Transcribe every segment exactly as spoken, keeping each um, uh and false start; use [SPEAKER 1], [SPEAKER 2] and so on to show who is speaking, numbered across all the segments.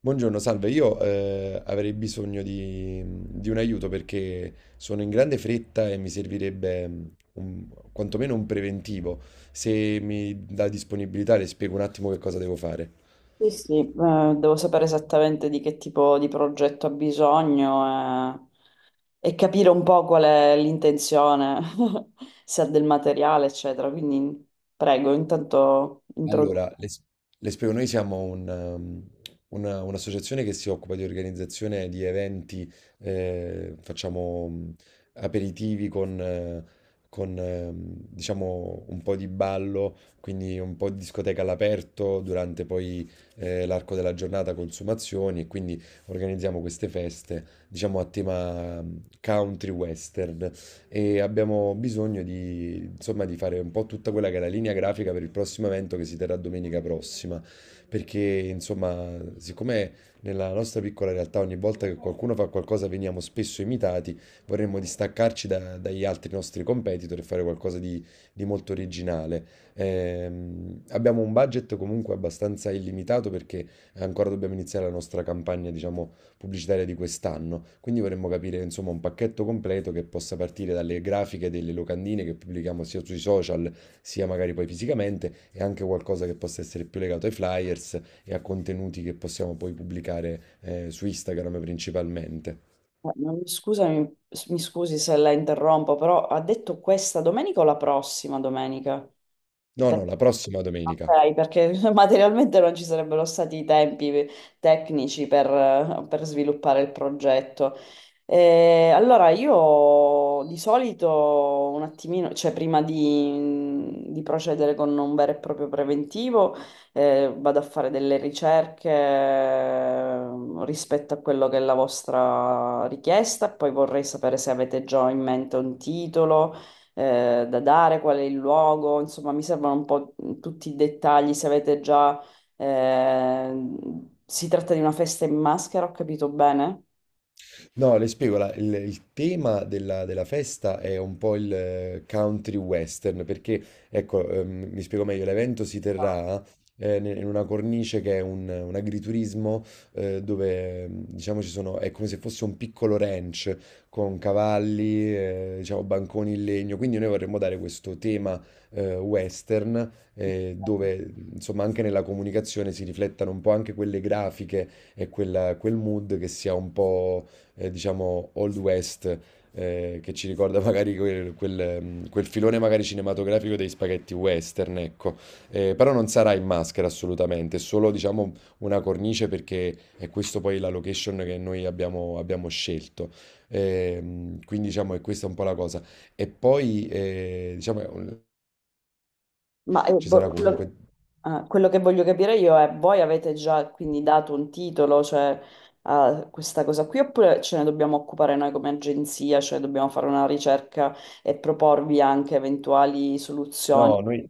[SPEAKER 1] Buongiorno, salve. Io eh, avrei bisogno di, di un aiuto perché sono in grande fretta e mi servirebbe mm, un- quantomeno un preventivo. Se mi dà disponibilità, le spiego un attimo che cosa devo fare.
[SPEAKER 2] Sì, sì, eh, devo sapere esattamente di che tipo di progetto ha bisogno eh, e capire un po' qual è l'intenzione, se ha del materiale, eccetera. Quindi prego, intanto introduco.
[SPEAKER 1] Allora, le, s- le spiego, noi siamo un, um, una- un'associazione che si occupa di organizzazione di eventi, eh, facciamo mh, aperitivi con, eh, con, ehm, diciamo, un po' di ballo, quindi un po' di discoteca all'aperto durante poi eh, l'arco della giornata, consumazioni, e quindi organizziamo queste feste, diciamo, a tema mh, country western e abbiamo bisogno di, insomma, di fare un po' tutta quella che è la linea grafica per il prossimo evento che si terrà domenica prossima, perché insomma, siccome nella nostra piccola realtà ogni volta che qualcuno fa qualcosa veniamo spesso imitati, vorremmo distaccarci da- dagli altri nostri competitor e fare qualcosa di, di molto originale. Ehm, abbiamo un budget comunque abbastanza illimitato perché ancora dobbiamo iniziare la nostra campagna, diciamo, pubblicitaria di quest'anno. Quindi vorremmo capire insomma un pacchetto completo che possa partire dalle grafiche delle locandine che pubblichiamo sia sui social sia magari poi fisicamente e anche qualcosa che possa essere più legato ai flyers e a contenuti che possiamo poi pubblicare eh, su Instagram principalmente.
[SPEAKER 2] Scusami, s- mi scusi se la interrompo, però ha detto questa domenica o la prossima domenica?
[SPEAKER 1] No, no, la prossima domenica.
[SPEAKER 2] Ok, perché materialmente non ci sarebbero stati i tempi tecnici per, per sviluppare il progetto. Eh, allora, io di solito un attimino, cioè prima di, di procedere con un vero e proprio preventivo, eh, vado a fare delle ricerche eh, rispetto a quello che è la vostra richiesta, poi vorrei sapere se avete già in mente un titolo eh, da dare, qual è il luogo, insomma, mi servono un po' tutti i dettagli. Se avete già, eh, si tratta di una festa in maschera, ho capito bene?
[SPEAKER 1] No, le spiego, la- il, il tema della, della festa è un po' il eh, country western, perché, ecco, ehm, mi spiego meglio, l'evento si terrà eh, ne- in una cornice che è un, un agriturismo eh, dove, ehm, diciamo, ci sono, è come se fosse un piccolo ranch con cavalli, eh, diciamo, banconi in legno, quindi noi vorremmo dare questo tema eh, western eh, dove, insomma, anche nella comunicazione si riflettano un po' anche quelle grafiche e quella- quel mood che sia un po' eh, diciamo, Old West, eh, che ci ricorda magari quel, quel, mm, quel filone magari cinematografico dei spaghetti western, ecco. Eh, però non sarà in maschera assolutamente, è solo, diciamo, una cornice perché è questo poi la location che noi abbiamo, abbiamo scelto. Ehm, quindi, diciamo, è questa è un po' la cosa. E poi, eh, diciamo, eh,
[SPEAKER 2] Ma eh,
[SPEAKER 1] ci
[SPEAKER 2] boh,
[SPEAKER 1] sarà
[SPEAKER 2] quello,
[SPEAKER 1] comunque...
[SPEAKER 2] eh, quello che voglio capire io è, voi avete già quindi dato un titolo, cioè, a questa cosa qui, oppure ce ne dobbiamo occupare noi come agenzia, cioè dobbiamo fare una ricerca e proporvi anche eventuali soluzioni
[SPEAKER 1] No, noi...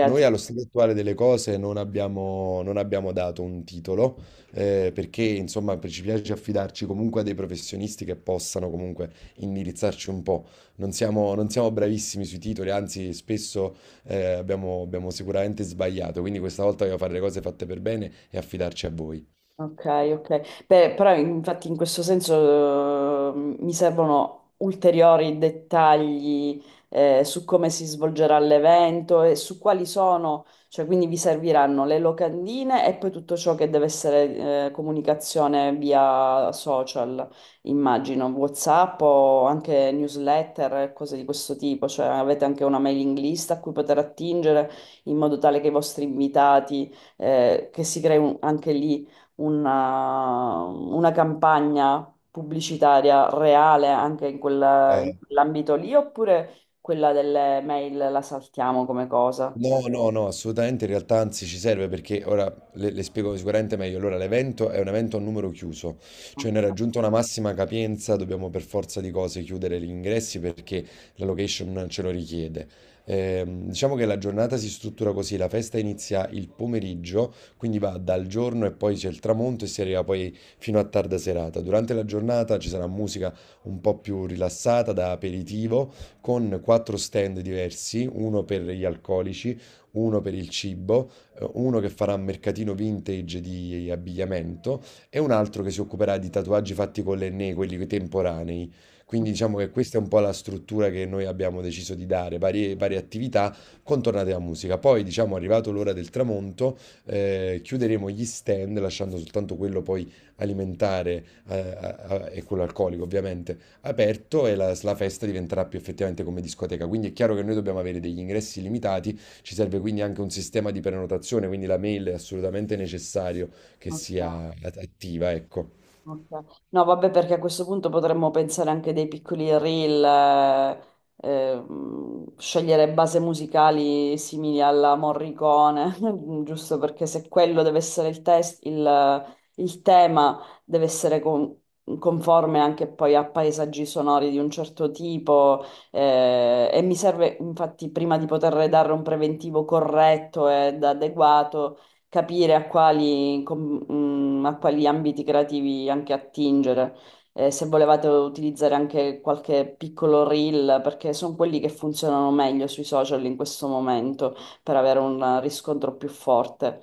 [SPEAKER 1] Noi allo stato attuale delle cose non abbiamo, non abbiamo dato un titolo, eh, perché insomma per- ci piace affidarci comunque a dei professionisti che possano comunque indirizzarci un po'. Non siamo, non siamo bravissimi sui titoli, anzi spesso eh, abbiamo, abbiamo sicuramente sbagliato, quindi questa volta voglio fare le cose fatte per bene e affidarci a voi.
[SPEAKER 2] Ok, ok. Beh, però infatti in questo senso eh, mi servono ulteriori dettagli eh, su come si svolgerà l'evento e su quali sono, cioè quindi vi serviranno le locandine e poi tutto ciò che deve essere eh, comunicazione via social, immagino, WhatsApp o anche newsletter, e cose di questo tipo, cioè avete anche una mailing list a cui poter attingere in modo tale che i vostri invitati eh, che si crei un- anche lì una, una campagna pubblicitaria reale anche in quella- in
[SPEAKER 1] Eh,
[SPEAKER 2] quell'ambito lì, oppure quella delle mail la saltiamo come cosa?
[SPEAKER 1] No, no, no, assolutamente in realtà anzi ci serve perché ora le, le spiego sicuramente meglio. Allora, l'evento è un evento a numero chiuso, cioè ne è raggiunta una massima capienza, dobbiamo per forza di cose chiudere gli ingressi perché la location ce lo richiede. Ehm, diciamo che la giornata si struttura così, la festa inizia il pomeriggio, quindi va dal giorno e poi c'è il tramonto e si arriva poi fino a tarda serata. Durante la giornata ci sarà musica un po' più rilassata da aperitivo con quattro stand diversi, uno per gli alcolici, uno per il cibo, eh, uno che farà mercatino vintage di abbigliamento e un altro che si occuperà di tatuaggi fatti con l'Enné, quelli temporanei. Quindi diciamo che questa è un po' la struttura che noi abbiamo deciso di dare, varie, varie attività contornate alla musica. Poi, diciamo, arrivato l'ora del tramonto, eh, chiuderemo gli stand lasciando soltanto quello poi alimentare eh, a- a- e quello alcolico, ovviamente aperto e la, la festa diventerà più effettivamente come discoteca. Quindi è chiaro che noi dobbiamo avere degli ingressi limitati, ci serve quindi anche un sistema di prenotazione, quindi la mail è assolutamente necessario che sia attiva, ecco.
[SPEAKER 2] Ok. No, vabbè, perché a questo punto potremmo pensare anche dei piccoli reel, eh, ehm, scegliere base musicali simili alla Morricone, giusto perché se quello deve essere il test, il, il tema deve essere con- conforme anche poi a paesaggi sonori di un certo tipo, eh, e mi serve infatti prima di poter dare un preventivo corretto ed adeguato capire a quali, com- mm, a quali ambiti creativi anche attingere. Eh, se volevate utilizzare anche qualche piccolo reel, perché sono quelli che funzionano meglio sui social in questo momento per avere un riscontro più forte.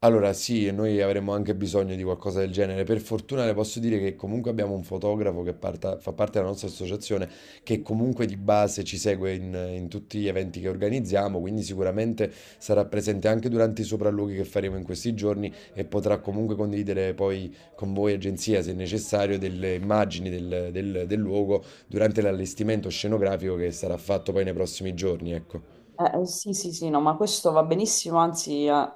[SPEAKER 1] Allora, sì, e noi avremmo anche bisogno di qualcosa del genere. Per fortuna le posso dire che comunque abbiamo un fotografo che parta- fa parte della nostra associazione, che comunque di base ci segue in, in tutti gli eventi che organizziamo, quindi sicuramente sarà presente anche durante i sopralluoghi che faremo in questi giorni e potrà comunque condividere poi con voi, agenzia, se necessario, delle immagini del, del- del luogo durante l'allestimento scenografico che sarà fatto poi nei prossimi giorni, ecco.
[SPEAKER 2] Eh, eh, sì, sì, sì, no, ma questo va benissimo, anzi, eh,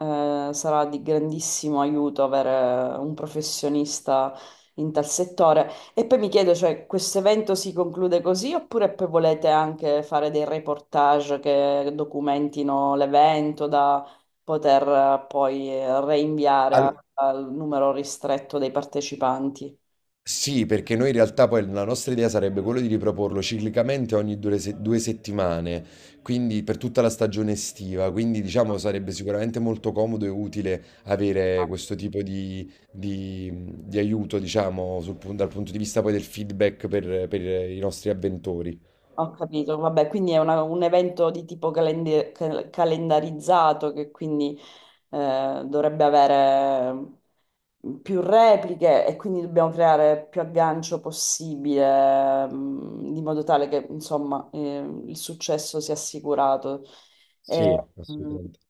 [SPEAKER 2] eh, sarà di grandissimo aiuto avere un professionista in tal settore. E poi mi chiedo, cioè, questo evento si conclude così oppure poi volete anche fare dei reportage che documentino l'evento da poter eh, poi eh, reinviare a-
[SPEAKER 1] Al-
[SPEAKER 2] al numero ristretto dei partecipanti?
[SPEAKER 1] Sì, perché noi in realtà poi la nostra idea sarebbe quella di riproporlo ciclicamente ogni due, se- due settimane, quindi per tutta la stagione estiva, quindi diciamo sarebbe sicuramente molto comodo e utile avere questo tipo di, di- di aiuto, diciamo, sul pun- dal punto di vista poi del feedback per per i nostri avventori.
[SPEAKER 2] Ho capito, vabbè, quindi è una- un evento di tipo calende- cal- calendarizzato che quindi eh, dovrebbe avere mm, più repliche e quindi dobbiamo creare più aggancio possibile, mh, di modo tale che insomma eh, il successo sia assicurato. Eh,
[SPEAKER 1] Sì,
[SPEAKER 2] mh,
[SPEAKER 1] assolutamente.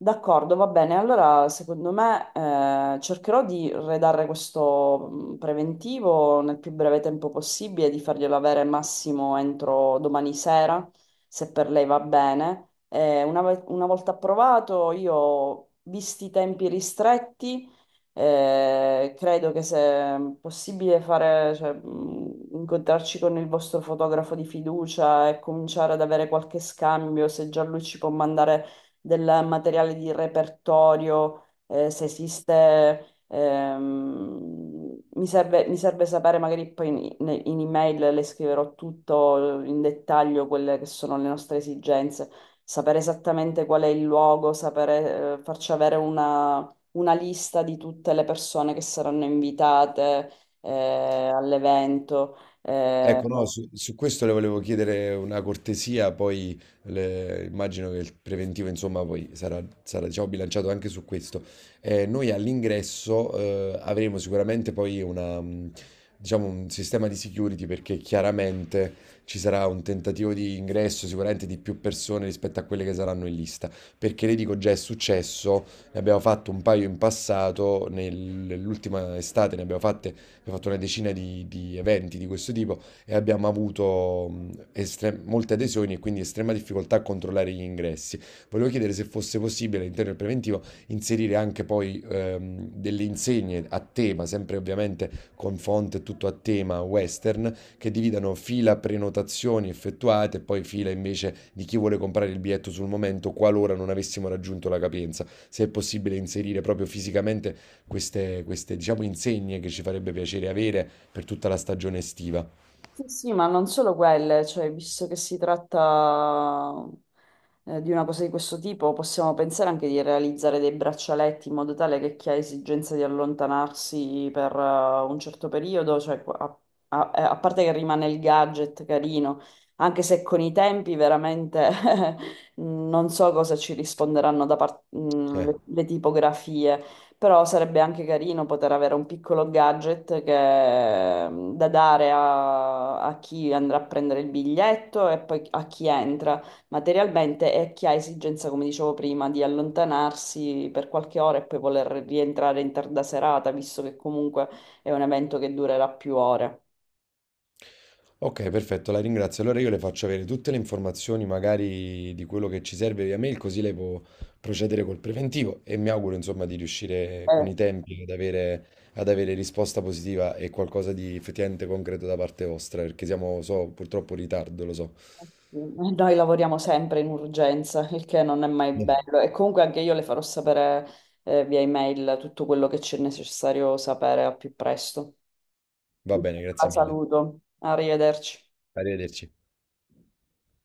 [SPEAKER 2] D'accordo, va bene. Allora, secondo me, eh, cercherò di redare questo mh, preventivo nel più breve tempo possibile, di farglielo avere massimo entro domani sera, se per lei va bene. Eh, una, ve- una volta approvato, io, visti i tempi ristretti, eh, credo che se possibile fare, cioè, mh, incontrarci con il vostro fotografo di fiducia e cominciare ad avere qualche scambio, se già lui ci può mandare del materiale di repertorio, eh, se esiste, ehm, mi serve, mi serve sapere, magari poi in, in- in email le scriverò tutto in dettaglio quelle che sono le nostre esigenze, sapere esattamente qual è il luogo, sapere, eh, farci avere una, una lista di tutte le persone che saranno invitate, eh, all'evento. Eh,
[SPEAKER 1] Ecco, no, però su, su questo le volevo chiedere una cortesia, poi le- immagino che il preventivo, insomma, poi sarà, sarà, diciamo, bilanciato anche su questo. Eh, noi all'ingresso eh, avremo sicuramente poi una, mh, diciamo, un sistema di security perché chiaramente ci sarà un tentativo di ingresso sicuramente di più persone rispetto a quelle che saranno in lista, perché le dico già è successo, ne abbiamo fatto un paio in passato, nel- nell'ultima estate ne abbiamo fatte, abbiamo fatto una decina di di eventi di questo tipo e abbiamo avuto mh, estre- molte adesioni e quindi estrema difficoltà a controllare gli ingressi. Volevo chiedere se fosse possibile all'interno del preventivo inserire anche poi ehm, delle insegne a tema, sempre ovviamente con font e tutto a tema western, che dividano fila prenotazioni effettuate e poi fila invece di chi vuole comprare il biglietto sul momento qualora non avessimo raggiunto la capienza. Se è possibile inserire proprio fisicamente queste, queste diciamo, insegne che ci farebbe piacere avere per tutta la stagione estiva.
[SPEAKER 2] Sì, sì, ma non solo quelle, cioè, visto che si tratta eh, di una cosa di questo tipo, possiamo pensare anche di realizzare dei braccialetti in modo tale che chi ha esigenza di allontanarsi per eh, un certo periodo, cioè, a, a- eh, a parte che rimane il gadget carino, anche se con i tempi veramente non so cosa ci risponderanno da parte
[SPEAKER 1] Eh.
[SPEAKER 2] le, le tipografie. Però sarebbe anche carino poter avere un piccolo gadget che- mm, da dare a, a chi andrà a prendere il biglietto e poi a chi entra materialmente e a chi ha esigenza, come dicevo prima, di allontanarsi per qualche ora e poi voler rientrare in tarda serata, visto che comunque è un evento che durerà più ore.
[SPEAKER 1] Ok, perfetto, la ringrazio. Allora io le faccio avere tutte le informazioni, magari di quello che ci serve via mail, così lei può procedere col preventivo e mi auguro, insomma, di riuscire con
[SPEAKER 2] Eh,
[SPEAKER 1] i tempi ad avere, ad avere risposta positiva e qualcosa di effettivamente concreto da parte vostra, perché siamo, so, purtroppo in ritardo, lo so.
[SPEAKER 2] sì, Noi lavoriamo sempre in urgenza, il che non è mai bello. E comunque anche io le farò sapere eh, via email tutto quello che c'è necessario sapere al più presto.
[SPEAKER 1] Va bene,
[SPEAKER 2] La
[SPEAKER 1] grazie mille.
[SPEAKER 2] saluto. Arrivederci.
[SPEAKER 1] Arrivederci.